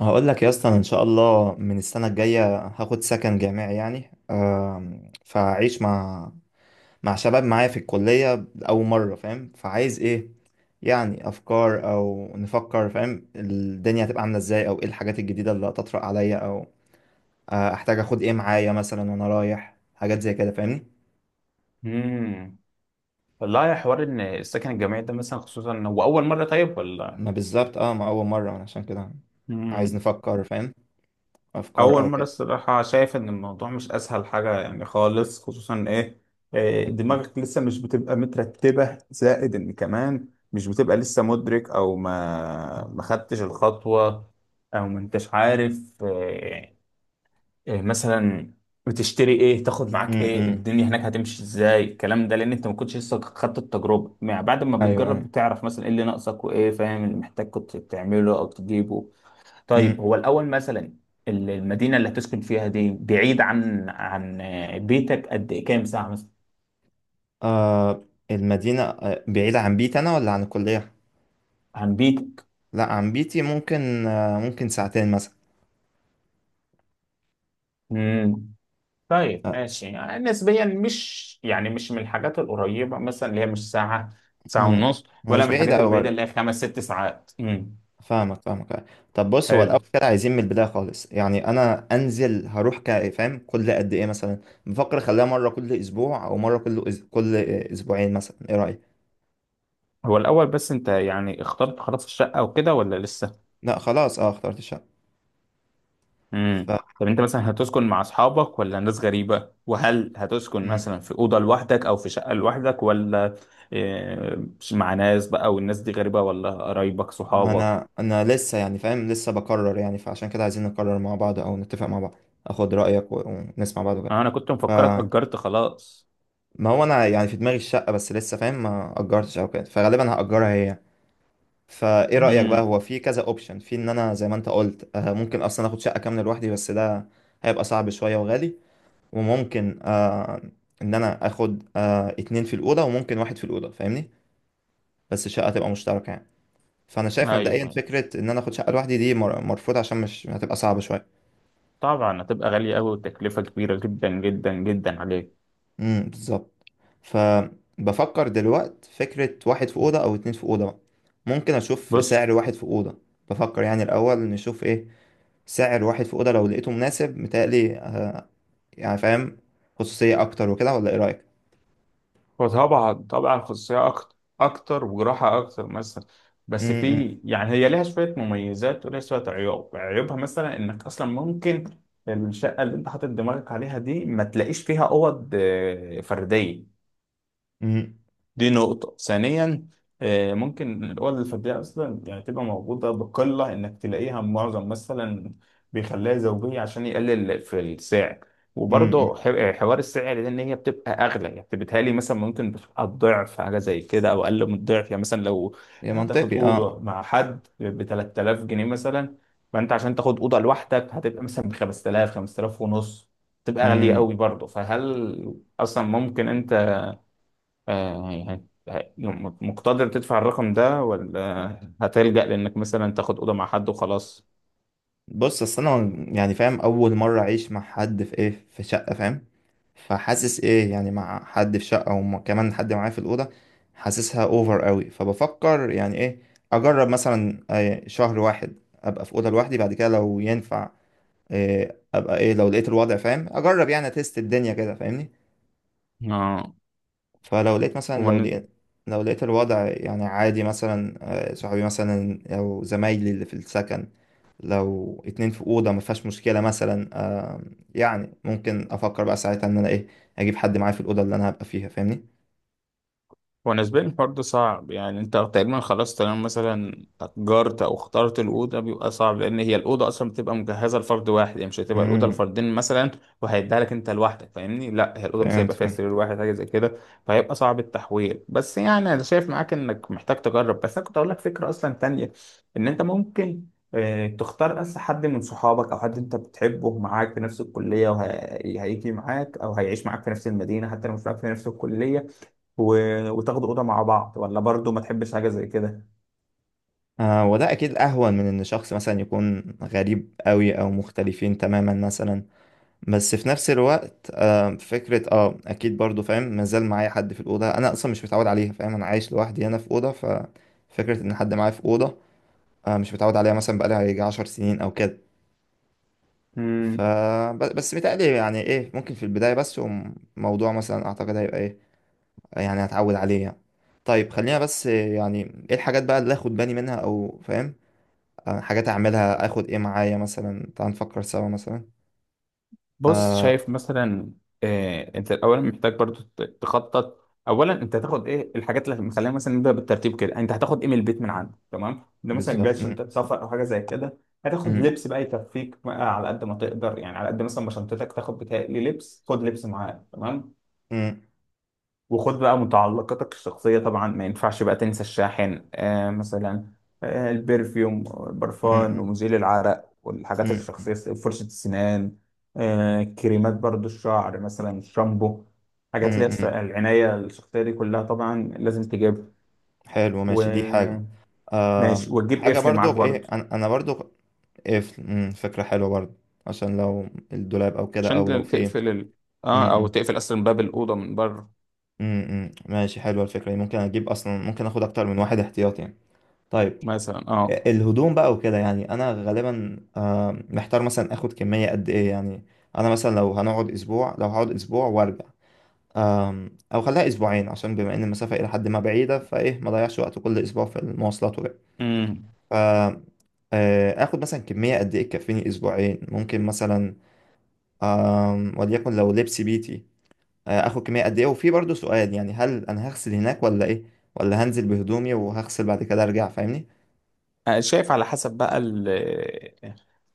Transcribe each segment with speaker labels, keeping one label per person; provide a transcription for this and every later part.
Speaker 1: هقول لك يا اسطى، أنا ان شاء الله من السنه الجايه هاخد سكن جامعي، يعني فاعيش مع شباب معايا في الكليه اول مره، فاهم؟ فعايز ايه، يعني افكار، او نفكر، فاهم، الدنيا هتبقى عامله ازاي، او ايه الحاجات الجديده اللي هتطرق عليا، او احتاج اخد ايه معايا مثلا وانا رايح، حاجات زي كده فاهمني.
Speaker 2: امم والله يا حوار ان السكن الجامعي ده مثلا، خصوصا إن هو اول مره. طيب، ولا؟
Speaker 1: ما بالظبط ما اول مره أنا عشان كده عايز
Speaker 2: امم.
Speaker 1: نفكر، فاهم، افكار
Speaker 2: اول
Speaker 1: او
Speaker 2: مره،
Speaker 1: كده.
Speaker 2: الصراحه شايف ان الموضوع مش اسهل حاجه يعني خالص، خصوصا ايه؟ إيه، دماغك لسه مش بتبقى مترتبه، زائد ان كمان مش بتبقى لسه مدرك او ما خدتش الخطوه، او ما انتش عارف. آه، إيه مثلا؟ بتشتري ايه، تاخد معاك ايه،
Speaker 1: امم،
Speaker 2: الدنيا هناك هتمشي ازاي، الكلام ده. لان انت ما كنتش لسه خدت التجربه. مع بعد ما
Speaker 1: ايوه
Speaker 2: بتجرب بتعرف مثلا ايه اللي ناقصك، وايه فاهم اللي محتاج كنت تعمله او تجيبه. طيب
Speaker 1: ايوه.
Speaker 2: هو الاول مثلا، المدينه اللي هتسكن فيها دي بعيد عن بيتك قد ايه؟ كام ساعه مثلا؟
Speaker 1: آه المدينة آه بعيدة عن بيتي أنا ولا عن الكلية؟
Speaker 2: عن بيتك.
Speaker 1: لا عن بيتي، ممكن آه ممكن ساعتين مثلا.
Speaker 2: امم. طيب
Speaker 1: آه.
Speaker 2: ماشي، يعني نسبيا مش يعني مش من الحاجات القريبه مثلا، اللي هي مش ساعه، ساعه
Speaker 1: مم.
Speaker 2: ونص.
Speaker 1: هو
Speaker 2: ولا
Speaker 1: مش
Speaker 2: من
Speaker 1: بعيدة
Speaker 2: الحاجات
Speaker 1: أوي
Speaker 2: البعيده
Speaker 1: برضه.
Speaker 2: اللي هي خمس ست ساعات. امم.
Speaker 1: فاهمك فاهمك آه. طب بص، هو الأول
Speaker 2: حلو.
Speaker 1: كده عايزين من البداية خالص. يعني أنا أنزل هروح فاهم كل قد إيه مثلا؟ بفكر أخليها مرة كل أسبوع أو مرة كل كل أسبوعين مثلا، إيه رأيك؟
Speaker 2: هو الأول بس أنت يعني اخترت خلاص الشقة وكده ولا لسه؟
Speaker 1: لا خلاص، أه اخترت الشقة.
Speaker 2: امم.
Speaker 1: ف
Speaker 2: طب أنت مثلا هتسكن مع أصحابك ولا ناس غريبة؟ وهل هتسكن
Speaker 1: مم.
Speaker 2: مثلا في أوضة لوحدك أو في شقة لوحدك ولا؟ آه، مع ناس بقى، والناس دي غريبة ولا قرايبك
Speaker 1: ما
Speaker 2: صحابك؟
Speaker 1: أنا لسه يعني فاهم، لسه بقرر، يعني فعشان كده عايزين نقرر مع بعض أو نتفق مع بعض، أخد رأيك ونسمع بعض وكده.
Speaker 2: آه، أنا كنت مفكرك أجرت خلاص.
Speaker 1: ما هو انا يعني في دماغي الشقه بس، لسه فاهم ما اجرتش او كده، فغالبا هاجرها هي. فايه رايك بقى؟
Speaker 2: امم.
Speaker 1: هو في كذا اوبشن، في ان انا زي ما انت قلت ممكن اصلا اخد شقه كامله لوحدي، بس ده هيبقى صعب شويه وغالي. وممكن آه ان انا اخد آه اتنين في الاوضه، وممكن واحد في الاوضه فاهمني، بس الشقه تبقى مشتركه يعني. فانا شايف
Speaker 2: أيوه
Speaker 1: مبدئيا
Speaker 2: أيوه،
Speaker 1: فكره ان انا اخد شقه لوحدي دي مرفوضه، عشان مش هتبقى صعبه شويه.
Speaker 2: طبعا هتبقى غالية أوي، وتكلفة كبيرة جدا جدا جدا عليك.
Speaker 1: بالظبط. فبفكر دلوقت فكرة واحد في أوضة أو اتنين في أوضة بقى. ممكن أشوف
Speaker 2: بص،
Speaker 1: سعر واحد في أوضة، بفكر يعني الأول نشوف إيه سعر واحد في أوضة، لو لقيته مناسب متهيألي يعني فاهم، خصوصية أكتر وكده، ولا إيه رأيك؟
Speaker 2: وطبعا طبعا خصوصية أكتر، أكتر وجراحة أكتر مثلا. بس
Speaker 1: امم
Speaker 2: في يعني هي ليها شوية مميزات وليها شوية عيوب. عيوبها مثلا إنك أصلا ممكن الشقة اللي أنت حاطط دماغك عليها دي ما تلاقيش فيها أوض آه، فردية.
Speaker 1: امم
Speaker 2: دي نقطة ثانيا، آه، ممكن الأوض الفردية أصلا يعني تبقى موجودة بقلة، إنك تلاقيها معظم مثلا بيخليها زوجية عشان يقلل في السعر.
Speaker 1: امم امم، امم.
Speaker 2: وبرضه حوار السعر ده إن هي بتبقى أغلى، يعني بتهيألي مثلا ممكن بتبقى الضعف حاجة زي كده أو أقل من الضعف. يعني مثلا لو
Speaker 1: يا
Speaker 2: هتاخد
Speaker 1: منطقي أه.
Speaker 2: أوضة مع حد ب 3000 جنيه مثلا، فأنت عشان تاخد أوضة لوحدك هتبقى مثلا ب 5000، 5000 ونص. تبقى غالية
Speaker 1: امم
Speaker 2: قوي برضه. فهل أصلا ممكن، آه، مقتدر تدفع الرقم ده ولا هتلجأ لإنك مثلا تاخد أوضة مع حد وخلاص؟
Speaker 1: بص، أصل أنا يعني فاهم أول مرة أعيش مع حد في إيه، في شقة فاهم، فحاسس ايه يعني مع حد في شقة وكمان حد معايا في الأوضة، حاسسها اوفر قوي. فبفكر يعني ايه، اجرب مثلا شهر واحد ابقى في أوضة لوحدي، بعد كده لو ينفع ابقى ايه، لو لقيت الوضع فاهم، اجرب يعني اتست الدنيا كده فاهمني.
Speaker 2: آه،
Speaker 1: فلو لقيت مثلا
Speaker 2: هو
Speaker 1: لو لقيت لو لقيت الوضع يعني عادي مثلا صحابي مثلا او زمايلي اللي في السكن، لو اتنين في أوضة ما فيهاش مشكلة مثلا يعني ممكن افكر بقى ساعتها ان انا ايه، اجيب حد معايا في الأوضة اللي انا هبقى فيها فاهمني.
Speaker 2: هو بالنسبة لي الحوار ده صعب. يعني انت تقريبا خلاص تمام مثلا أجرت أو اخترت الأوضة، بيبقى صعب لأن هي الأوضة أصلا بتبقى مجهزة لفرد واحد، يعني مش هتبقى الأوضة
Speaker 1: امم.
Speaker 2: لفردين مثلا وهيديها لك أنت لوحدك، فاهمني؟ لا، هي الأوضة مثلا
Speaker 1: فهمت
Speaker 2: هيبقى فيها
Speaker 1: فهمت.
Speaker 2: سرير واحد، حاجة زي كده. فهيبقى صعب التحويل. بس يعني أنا شايف معاك إنك محتاج تجرب. بس أنا كنت أقول لك فكرة أصلا تانية، إن أنت ممكن آه، تختار بس حد من صحابك او حد انت بتحبه معاك في نفس الكليه، وهيجي معاك او هيعيش معاك في نفس المدينه، حتى لو مش معاك في نفس الكليه. و... وتاخدوا اوضه مع بعض، ولا برضو ما تحبش حاجه زي كده؟
Speaker 1: آه وده اكيد اهون من ان شخص مثلا يكون غريب قوي او مختلفين تماما مثلا. بس في نفس الوقت آه فكرة اه اكيد برضو فاهم، مازال معايا حد في الاوضة انا اصلا مش متعود عليها، فاهم؟ انا عايش لوحدي هنا في اوضة، ففكرة ان حد معايا في اوضة آه مش متعود عليها مثلا، بقالي هيجي عشر سنين او كده. ف
Speaker 2: مم.
Speaker 1: بس متهيألي يعني ايه ممكن في البداية بس، وموضوع مثلا اعتقد هيبقى ايه، يعني هتعود عليه يعني. طيب خلينا بس يعني ايه الحاجات بقى اللي اخد بالي منها، او فاهم حاجات اعملها، اخد ايه معايا مثلا، تعال نفكر سوا مثلا.
Speaker 2: بص،
Speaker 1: آه،
Speaker 2: شايف مثلا، آه، انت الاول محتاج برضو تخطط. اولا انت هتاخد ايه الحاجات، اللي مخلينا مثلا نبدا بالترتيب كده. انت هتاخد ايه من البيت من عندك؟ تمام، ده مثلا
Speaker 1: بالظبط.
Speaker 2: جاي
Speaker 1: م-
Speaker 2: شنطه سفر او حاجه زي كده. هتاخد
Speaker 1: م-
Speaker 2: لبس بقى يكفيك بقى على قد ما تقدر، يعني على قد مثلا ما شنطتك تاخد بتاعي لبس. خد لبس معاك، تمام.
Speaker 1: م-
Speaker 2: وخد بقى متعلقاتك الشخصية. طبعا ما ينفعش بقى تنسى الشاحن آه مثلا، آه البرفيوم،
Speaker 1: م-
Speaker 2: البرفان
Speaker 1: م-
Speaker 2: ومزيل العرق والحاجات
Speaker 1: م-
Speaker 2: الشخصية، فرشة السنان، آه كريمات برضو الشعر مثلا، الشامبو.
Speaker 1: م-
Speaker 2: حاجات اللي هي
Speaker 1: م.
Speaker 2: العناية الشخصية دي كلها طبعا لازم تجيبها.
Speaker 1: حلو ماشي، دي حاجة.
Speaker 2: وماشي،
Speaker 1: آه
Speaker 2: وتجيب
Speaker 1: حاجة
Speaker 2: قفل معاك
Speaker 1: برضو ايه،
Speaker 2: برضو،
Speaker 1: انا برضو ايه ف- م، فكرة حلوة برضو، عشان لو الدولاب او كده، او لو
Speaker 2: عشان
Speaker 1: في م-
Speaker 2: تقفل ال... اه، او
Speaker 1: م-
Speaker 2: تقفل اصلا باب الأوضة من بره
Speaker 1: م- م. ماشي حلوة الفكرة دي. ممكن اجيب اصلا ممكن اخد اكتر من واحد احتياطي يعني. طيب
Speaker 2: مثلا، اه.
Speaker 1: الهدوم بقى وكده، يعني انا غالبا محتار مثلا اخد كمية قد ايه يعني، انا مثلا لو هنقعد اسبوع، لو هقعد اسبوع وارجع، او خليها اسبوعين عشان بما ان المسافة الى حد ما بعيدة، فايه ما ضيعش وقت كل اسبوع في المواصلات وكده.
Speaker 2: امم.
Speaker 1: ف اخد مثلا كمية قد ايه تكفيني اسبوعين ممكن مثلا، وليكن لو لبس بيتي اخد كمية قد ايه، وفي برضو سؤال يعني، هل انا هغسل هناك ولا ايه؟ ولا هنزل بهدومي وهغسل بعد كده ارجع فاهمني.
Speaker 2: أنا شايف على حسب بقى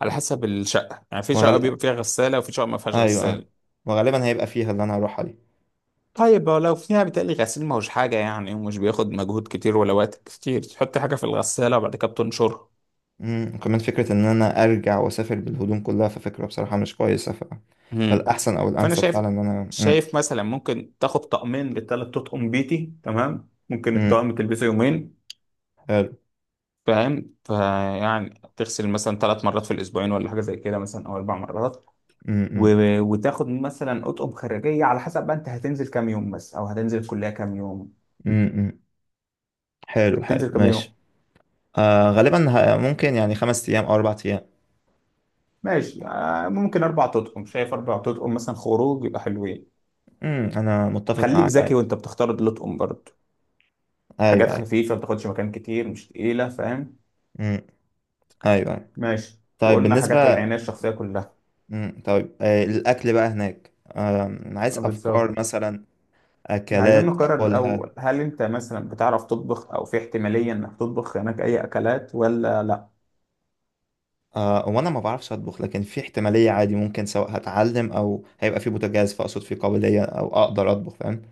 Speaker 2: على حسب الشقة. يعني في شقة بيبقى فيها غسالة، وفي شقة ما فيهاش
Speaker 1: ايوه ايوه،
Speaker 2: غسالة.
Speaker 1: وغالبا هيبقى فيها اللي انا هروحها دي.
Speaker 2: طيب لو فيها بتقلي غسيل، ما هوش حاجة يعني، ومش بياخد مجهود كتير ولا وقت كتير. تحط حاجة في الغسالة وبعد كده بتنشرها.
Speaker 1: امم، كمان فكرة ان انا ارجع واسافر بالهدوم كلها ففكرة بصراحة مش كويسة
Speaker 2: مم.
Speaker 1: فالاحسن او
Speaker 2: فأنا
Speaker 1: الانسب
Speaker 2: شايف
Speaker 1: فعلا ان انا امم.
Speaker 2: شايف مثلا ممكن تاخد طقمين للتلات تطقم بيتي، تمام. ممكن
Speaker 1: امم
Speaker 2: الطقم تلبسه يومين،
Speaker 1: حلو.
Speaker 2: فاهم؟ فيعني تغسل مثلا ثلاث مرات في الأسبوعين، ولا حاجة زي كده مثلا، أو أربع مرات.
Speaker 1: امم
Speaker 2: وتاخد مثلا اطقم خارجيه على حسب بقى انت هتنزل كام يوم بس، او هتنزل الكليه كام يوم.
Speaker 1: امم. حلو
Speaker 2: انت
Speaker 1: حلو
Speaker 2: بتنزل كام
Speaker 1: ماشي.
Speaker 2: يوم؟
Speaker 1: آه غالبا ممكن يعني خمس ايام او اربع ايام.
Speaker 2: ماشي، آه، ممكن اربع تطقم، شايف اربع تطقم مثلا خروج يبقى حلوين.
Speaker 1: انا متفق
Speaker 2: خليك
Speaker 1: معاك
Speaker 2: ذكي
Speaker 1: ايوه.
Speaker 2: وانت بتختار الاطقم برضه، حاجات
Speaker 1: ايوه ايوه.
Speaker 2: خفيفه ما بتاخدش مكان كتير، مش تقيله، فاهم؟
Speaker 1: امم ايوه ايوه.
Speaker 2: ماشي.
Speaker 1: طيب
Speaker 2: وقلنا حاجات
Speaker 1: بالنسبة،
Speaker 2: العنايه الشخصيه كلها.
Speaker 1: طيب آه الاكل بقى هناك، آه عايز
Speaker 2: آه، بالظبط.
Speaker 1: افكار مثلا،
Speaker 2: إحنا عايزين
Speaker 1: اكلات
Speaker 2: نقرر
Speaker 1: اكلها.
Speaker 2: الاول، هل انت مثلا بتعرف تطبخ، او في احتماليه انك تطبخ هناك اي اكلات ولا؟
Speaker 1: آه وانا ما بعرفش اطبخ، لكن في احتمالية عادي ممكن، سواء هتعلم او هيبقى في بوتاجاز، فاقصد في قابلية او اقدر اطبخ فاهم.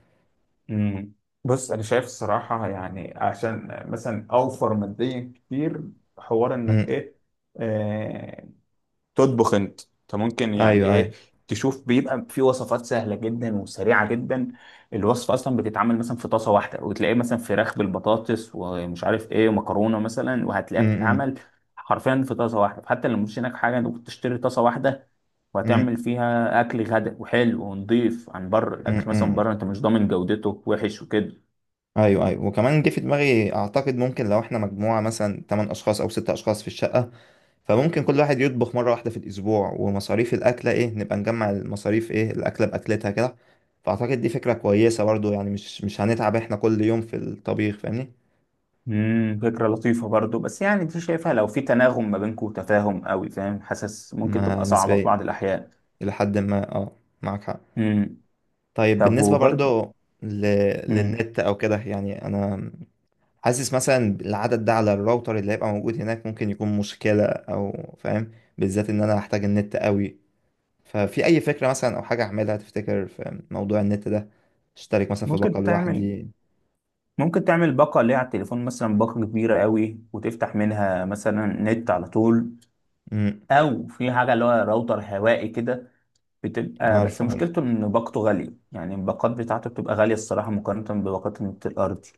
Speaker 2: مم. بص، انا شايف الصراحه، يعني عشان مثلا اوفر ماديا كتير، حوار انك
Speaker 1: امم
Speaker 2: ايه، آه، تطبخ انت. انت ممكن يعني
Speaker 1: ايوه
Speaker 2: ايه،
Speaker 1: ايوه.
Speaker 2: تشوف بيبقى في وصفات سهله جدا وسريعه جدا. الوصفه اصلا بتتعمل مثلا في طاسه واحده، وتلاقيه مثلا فراخ بالبطاطس ومش عارف ايه، ومكرونه مثلا وهتلاقيها
Speaker 1: امم
Speaker 2: بتتعمل حرفيا في طاسه واحده. حتى لو مش هناك حاجه، انت ممكن تشتري طاسه واحده
Speaker 1: امم
Speaker 2: وهتعمل فيها اكل غدا، وحلو ونضيف. عن بره، الاكل مثلا من
Speaker 1: امم.
Speaker 2: بره انت مش ضامن جودته، وحش وكده.
Speaker 1: ايوه ايوه، وكمان جه في دماغي اعتقد ممكن لو احنا مجموعة مثلا 8 اشخاص او 6 اشخاص في الشقة، فممكن كل واحد يطبخ مرة واحدة في الاسبوع، ومصاريف الاكلة ايه نبقى نجمع المصاريف ايه الاكلة باكلتها كده. فاعتقد دي فكرة كويسة برضو، يعني مش هنتعب احنا كل يوم في الطبيخ فاهمني.
Speaker 2: امم. فكره لطيفه برضو، بس يعني دي شايفها لو في تناغم ما بينكم وتفاهم قوي، فاهم؟ حاسس ممكن
Speaker 1: ما
Speaker 2: تبقى صعبه في
Speaker 1: نسبيا،
Speaker 2: بعض الاحيان.
Speaker 1: الى حد ما اه، معاك حق.
Speaker 2: امم.
Speaker 1: طيب
Speaker 2: طب
Speaker 1: بالنسبة
Speaker 2: وبرضو،
Speaker 1: برضو ل...
Speaker 2: امم،
Speaker 1: للنت أو كده، يعني أنا حاسس مثلا العدد ده على الراوتر اللي هيبقى موجود هناك ممكن يكون مشكلة، أو فاهم، بالذات إن أنا هحتاج النت قوي. ففي أي فكرة مثلا أو حاجة أعملها تفتكر في موضوع النت ده؟ أشترك مثلا في باقة
Speaker 2: ممكن تعمل
Speaker 1: لوحدي؟
Speaker 2: ممكن تعمل باقه اللي هي على التليفون مثلا، باقه كبيره قوي، وتفتح منها مثلا نت على طول.
Speaker 1: أمم،
Speaker 2: او في حاجه اللي هو راوتر هوائي كده، بتبقى بس
Speaker 1: عارف عارف،
Speaker 2: مشكلته ان باقته غاليه، يعني الباقات بتاعته بتبقى غاليه الصراحه، مقارنه بباقات النت الارضي.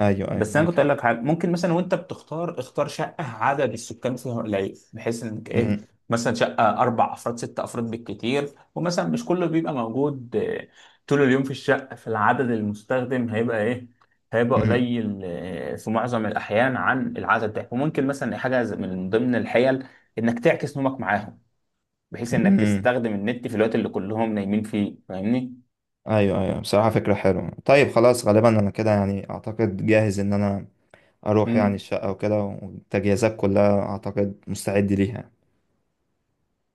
Speaker 1: أيوه أيوه
Speaker 2: بس انا
Speaker 1: معاك
Speaker 2: كنت اقول
Speaker 1: حق.
Speaker 2: لك حاجه، ممكن مثلا وانت بتختار، اختار شقه عدد السكان فيها قليل، بحيث انك ايه،
Speaker 1: أمم،
Speaker 2: مثلا شقه اربع افراد، ست افراد بالكتير. ومثلا مش كله بيبقى موجود آه، طول اليوم في الشقه، فالعدد المستخدم هيبقى ايه، هيبقى
Speaker 1: أمم،
Speaker 2: قليل آه، في معظم الاحيان عن العدد ده. وممكن مثلا من ضمن الحيل انك تعكس نومك معاهم، بحيث انك
Speaker 1: أمم.
Speaker 2: تستخدم النت في الوقت اللي كلهم نايمين فيه، فاهمني؟
Speaker 1: أيوه أيوه بصراحة فكرة حلوة. طيب خلاص غالبا أنا كده يعني أعتقد جاهز إن أنا اروح يعني
Speaker 2: امم.
Speaker 1: الشقة وكده، والتجهيزات كلها اعتقد مستعد ليها يعني.